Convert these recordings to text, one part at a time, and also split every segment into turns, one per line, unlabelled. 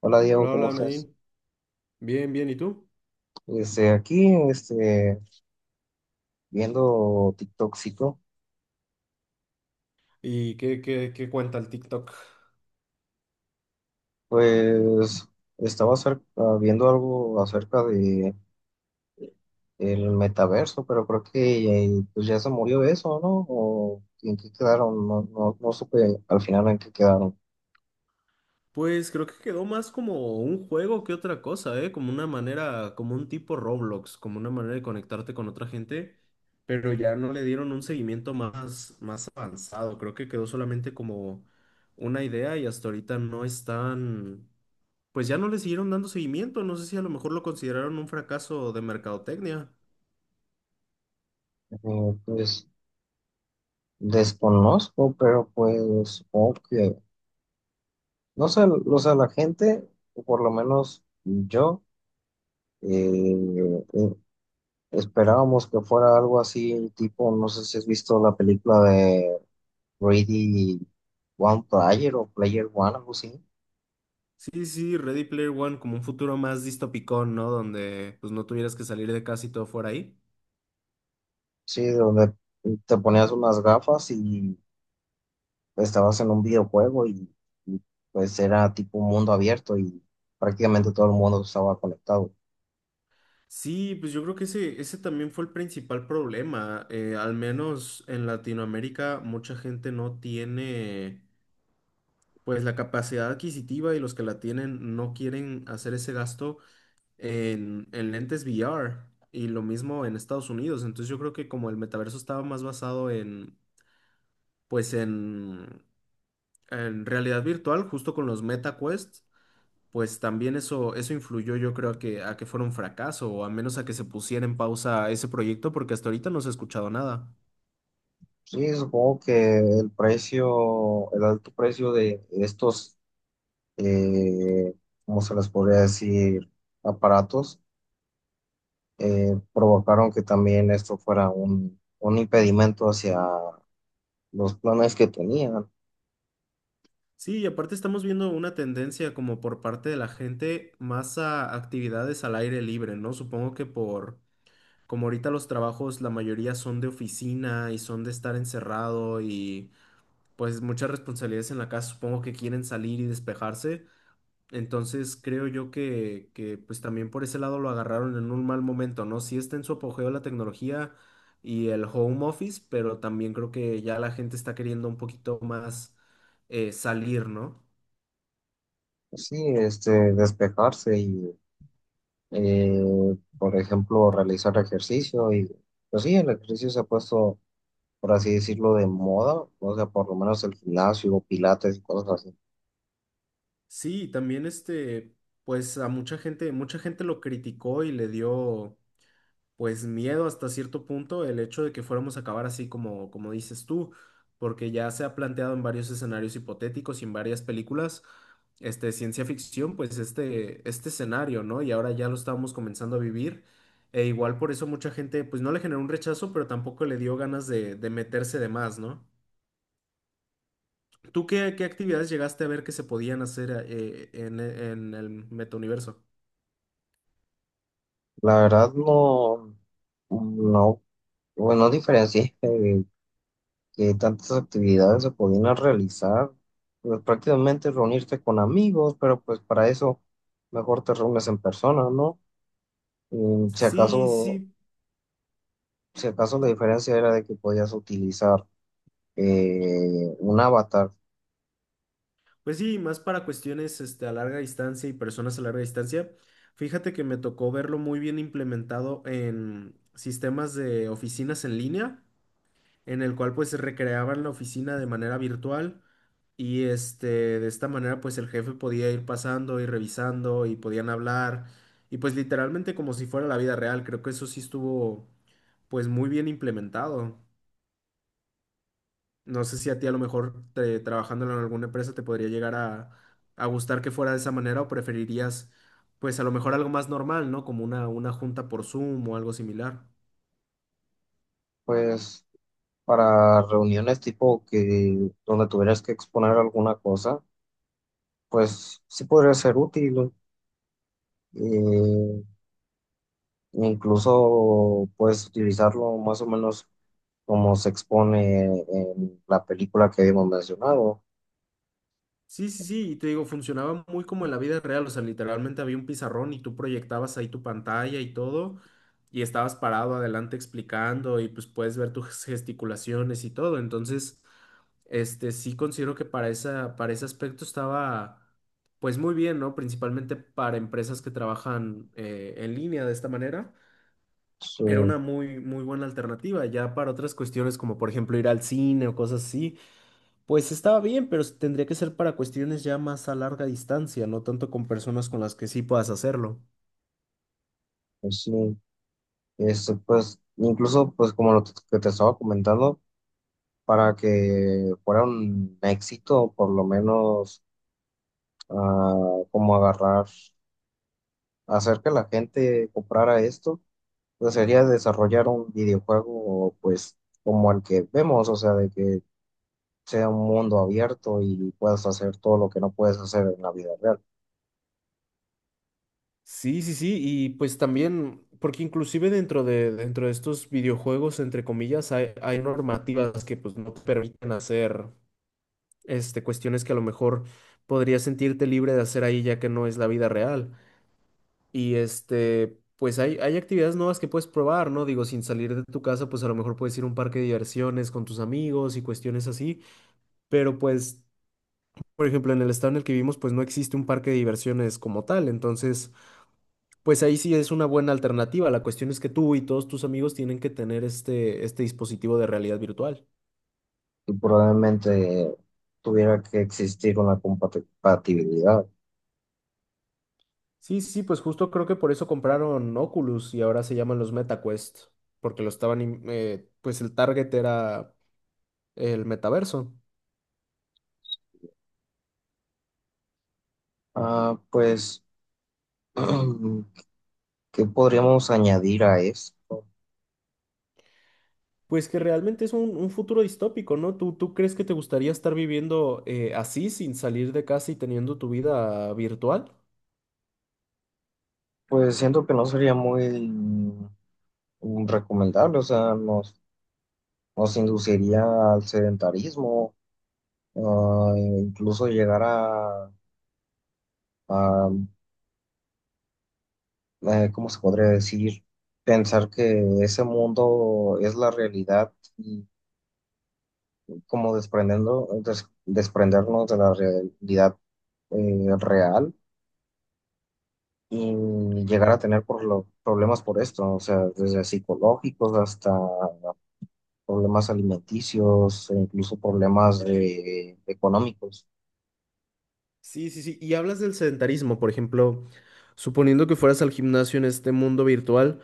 Hola Diego,
Hola,
¿cómo
hola
estás?
Nadine. Bien, bien, ¿y tú?
Este, aquí, este, viendo TikTokcito,
¿Y qué cuenta el TikTok?
pues viendo algo acerca de el metaverso, pero creo que pues ya se murió eso, ¿no? ¿O en qué quedaron? No, no supe al final en qué quedaron.
Pues creo que quedó más como un juego que otra cosa, ¿eh? Como una manera, como un tipo Roblox, como una manera de conectarte con otra gente, pero ya no le dieron un seguimiento más avanzado. Creo que quedó solamente como una idea y hasta ahorita no están, pues ya no le siguieron dando seguimiento. No sé si a lo mejor lo consideraron un fracaso de mercadotecnia.
Pues desconozco, pero pues supongo que, no sé, o sea, la gente, o por lo menos yo, eh, eh, Esperábamos que fuera algo así, tipo, no sé si has visto la película de Ready One Player o Player One, algo así.
Sí, sí, Ready Player One como un futuro más distópico, ¿no? Donde pues no tuvieras que salir de casa y todo fuera ahí.
Sí, donde te ponías unas gafas y estabas en un videojuego y pues era tipo un mundo abierto y prácticamente todo el mundo estaba conectado.
Sí, pues yo creo que ese también fue el principal problema. Al menos en Latinoamérica mucha gente no tiene pues la capacidad adquisitiva y los que la tienen no quieren hacer ese gasto en lentes VR y lo mismo en Estados Unidos. Entonces yo creo que como el metaverso estaba más basado en pues en en realidad virtual, justo con los Meta Quest. Pues también eso influyó yo creo a que fuera un fracaso o a menos a que se pusiera en pausa ese proyecto porque hasta ahorita no se ha escuchado nada.
Sí, supongo que el precio, el alto precio de estos, eh, ¿cómo se les podría decir? Aparatos provocaron que también esto fuera un impedimento hacia los planes que tenían.
Sí, y aparte estamos viendo una tendencia como por parte de la gente más a actividades al aire libre, ¿no? Supongo que por, como ahorita los trabajos, la mayoría son de oficina y son de estar encerrado y pues muchas responsabilidades en la casa, supongo que quieren salir y despejarse. Entonces creo yo que pues también por ese lado lo agarraron en un mal momento, ¿no? Sí está en su apogeo la tecnología y el home office, pero también creo que ya la gente está queriendo un poquito más salir, ¿no?
Sí, este, despejarse y, por ejemplo, realizar ejercicio. Y, pues sí, el ejercicio se ha puesto, por así decirlo, de moda, o sea, por lo menos el gimnasio, pilates y cosas así.
Sí, también este, pues a mucha gente lo criticó y le dio pues miedo hasta cierto punto el hecho de que fuéramos a acabar así como, como dices tú, porque ya se ha planteado en varios escenarios hipotéticos y en varias películas, este, ciencia ficción, pues este escenario, ¿no? Y ahora ya lo estábamos comenzando a vivir. E igual por eso mucha gente, pues no le generó un rechazo, pero tampoco le dio ganas de meterse de más, ¿no? ¿Tú qué actividades llegaste a ver que se podían hacer en el metauniverso?
La verdad no, bueno, no diferencié que tantas actividades se podían realizar, pues prácticamente reunirte con amigos, pero pues para eso mejor te reúnes en persona, ¿no? Y si
Sí,
acaso,
sí.
si acaso la diferencia era de que podías utilizar un avatar,
Pues sí, más para cuestiones este, a larga distancia y personas a larga distancia. Fíjate que me tocó verlo muy bien implementado en sistemas de oficinas en línea, en el cual pues recreaban la oficina de manera virtual y este, de esta manera pues el jefe podía ir pasando y revisando y podían hablar y pues literalmente como si fuera la vida real. Creo que eso sí estuvo pues muy bien implementado. No sé si a ti a lo mejor trabajándolo en alguna empresa te podría llegar a gustar que fuera de esa manera o preferirías pues a lo mejor algo más normal, ¿no? Como una junta por Zoom o algo similar.
pues para reuniones tipo que donde tuvieras que exponer alguna cosa, pues sí podría ser útil, ¿no? eh, Incluso puedes utilizarlo más o menos como se expone en la película que habíamos mencionado.
Sí, sí, sí, y te digo, funcionaba muy como en la vida real, o sea, literalmente había un pizarrón y tú proyectabas ahí tu pantalla y todo, y estabas parado adelante explicando y pues puedes ver tus gesticulaciones y todo, entonces, este, sí considero que para esa, para ese aspecto estaba, pues muy bien, ¿no? Principalmente para empresas que trabajan en línea de esta manera,
Sí,
era una muy, muy buena alternativa, ya para otras cuestiones como por ejemplo ir al cine o cosas así. Pues estaba bien, pero tendría que ser para cuestiones ya más a larga distancia, no tanto con personas con las que sí puedas hacerlo.
pues sí, es, pues incluso pues como lo que te estaba comentando, para que fuera un éxito, por lo menos ah, como agarrar, hacer que la gente comprara esto, pues sería desarrollar un videojuego pues como el que vemos, o sea, de que sea un mundo abierto y puedas hacer todo lo que no puedes hacer en la vida real.
Sí, sí, sí, y pues también, porque inclusive dentro de estos videojuegos, entre comillas, hay normativas que pues no te permiten hacer este, cuestiones que a lo mejor podrías sentirte libre de hacer ahí ya que no es la vida real. Y este, pues hay actividades nuevas que puedes probar, ¿no? Digo, sin salir de tu casa, pues a lo mejor puedes ir a un parque de diversiones con tus amigos y cuestiones así. Pero pues por ejemplo, en el estado en el que vivimos, pues no existe un parque de diversiones como tal. Entonces, pues ahí sí es una buena alternativa. La cuestión es que tú y todos tus amigos tienen que tener este, este dispositivo de realidad virtual.
Y probablemente tuviera que existir una compatibilidad.
Sí, sí, pues justo creo que por eso compraron Oculus y ahora se llaman los MetaQuest, porque lo estaban, pues el target era el metaverso.
Ah, pues, ¿qué podríamos añadir a esto?
Pues que realmente es un futuro distópico, ¿no? ¿Tú crees que te gustaría estar viviendo así, sin salir de casa y teniendo tu vida virtual?
Pues siento que no sería muy recomendable, o sea, nos induciría al sedentarismo, e incluso llegar a ¿cómo se podría decir? Pensar que ese mundo es la realidad, como desprendernos de la realidad real y llegar a tener problemas por esto, o sea, desde psicológicos hasta problemas alimenticios e incluso problemas económicos.
Sí, sí, sí. Y hablas del sedentarismo, por ejemplo, suponiendo que fueras al gimnasio en este mundo virtual,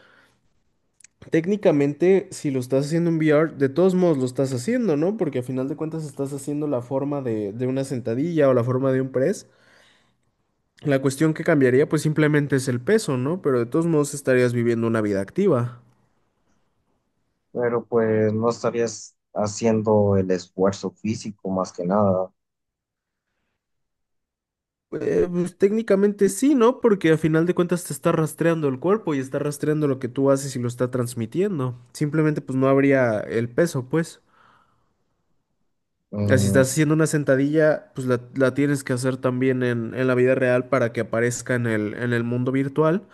técnicamente si lo estás haciendo en VR, de todos modos lo estás haciendo, ¿no? Porque a final de cuentas estás haciendo la forma de una sentadilla o la forma de un press. La cuestión que cambiaría pues simplemente es el peso, ¿no? Pero de todos modos estarías viviendo una vida activa.
Pero pues no estarías haciendo el esfuerzo físico más que nada.
Pues, técnicamente sí, ¿no? Porque a final de cuentas te está rastreando el cuerpo y está rastreando lo que tú haces y lo está transmitiendo. Simplemente pues no habría el peso, pues. Ah, si estás
Mm.
haciendo una sentadilla, pues la tienes que hacer también en la vida real para que aparezca en el mundo virtual.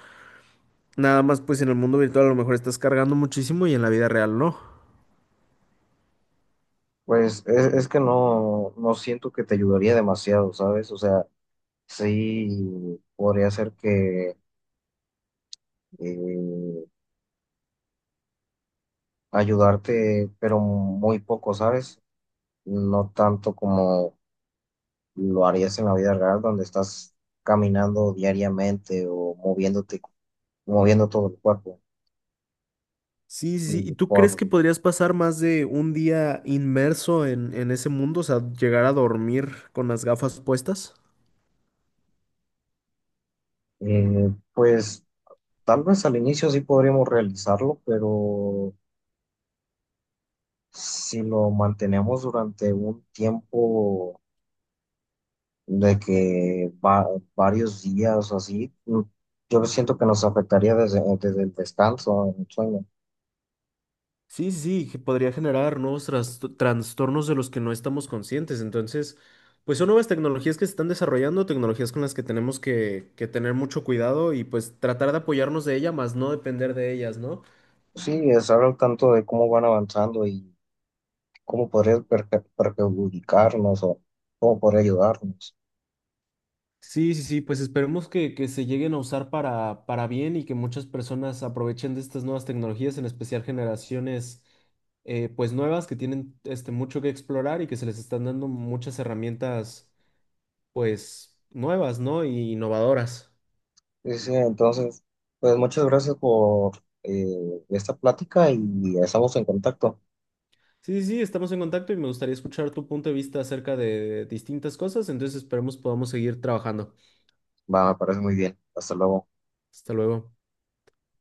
Nada más, pues en el mundo virtual a lo mejor estás cargando muchísimo y en la vida real no.
Es que no siento que te ayudaría demasiado, ¿sabes? O sea, sí podría ser que eh, ayudarte, pero muy poco, ¿sabes? No tanto como lo harías en la vida real, donde estás caminando diariamente o moviéndote, moviendo todo el cuerpo.
Sí, sí, sí. ¿Y
Y
tú crees
por,
que podrías pasar más de un día inmerso en ese mundo? O sea, llegar a dormir con las gafas puestas.
pues tal vez al inicio sí podríamos realizarlo, pero si lo mantenemos durante un tiempo de varios días o así, mm, yo siento que nos afectaría desde el descanso, el sueño.
Sí, sí, sí, que podría generar nuevos trastornos de los que no estamos conscientes. Entonces, pues son nuevas tecnologías que se están desarrollando, tecnologías con las que tenemos que tener mucho cuidado y pues tratar de apoyarnos de ellas, más no depender de ellas, ¿no?
Sí, estar al tanto de cómo van avanzando y cómo podría perjudicarnos o cómo podría ayudarnos.
Sí, sí, sí, pues esperemos que se lleguen a usar para bien y que muchas personas aprovechen de estas nuevas tecnologías, en especial generaciones pues nuevas que tienen este, mucho que explorar y que se les están dando muchas herramientas pues nuevas, ¿no? Y innovadoras.
Sí, sí, entonces, pues muchas gracias por esta plática y estamos en contacto.
Sí, sí, sí, estamos en contacto y me gustaría escuchar tu punto de vista acerca de distintas cosas, entonces esperemos podamos seguir trabajando.
Va, me parece muy bien. Hasta luego.
Hasta luego.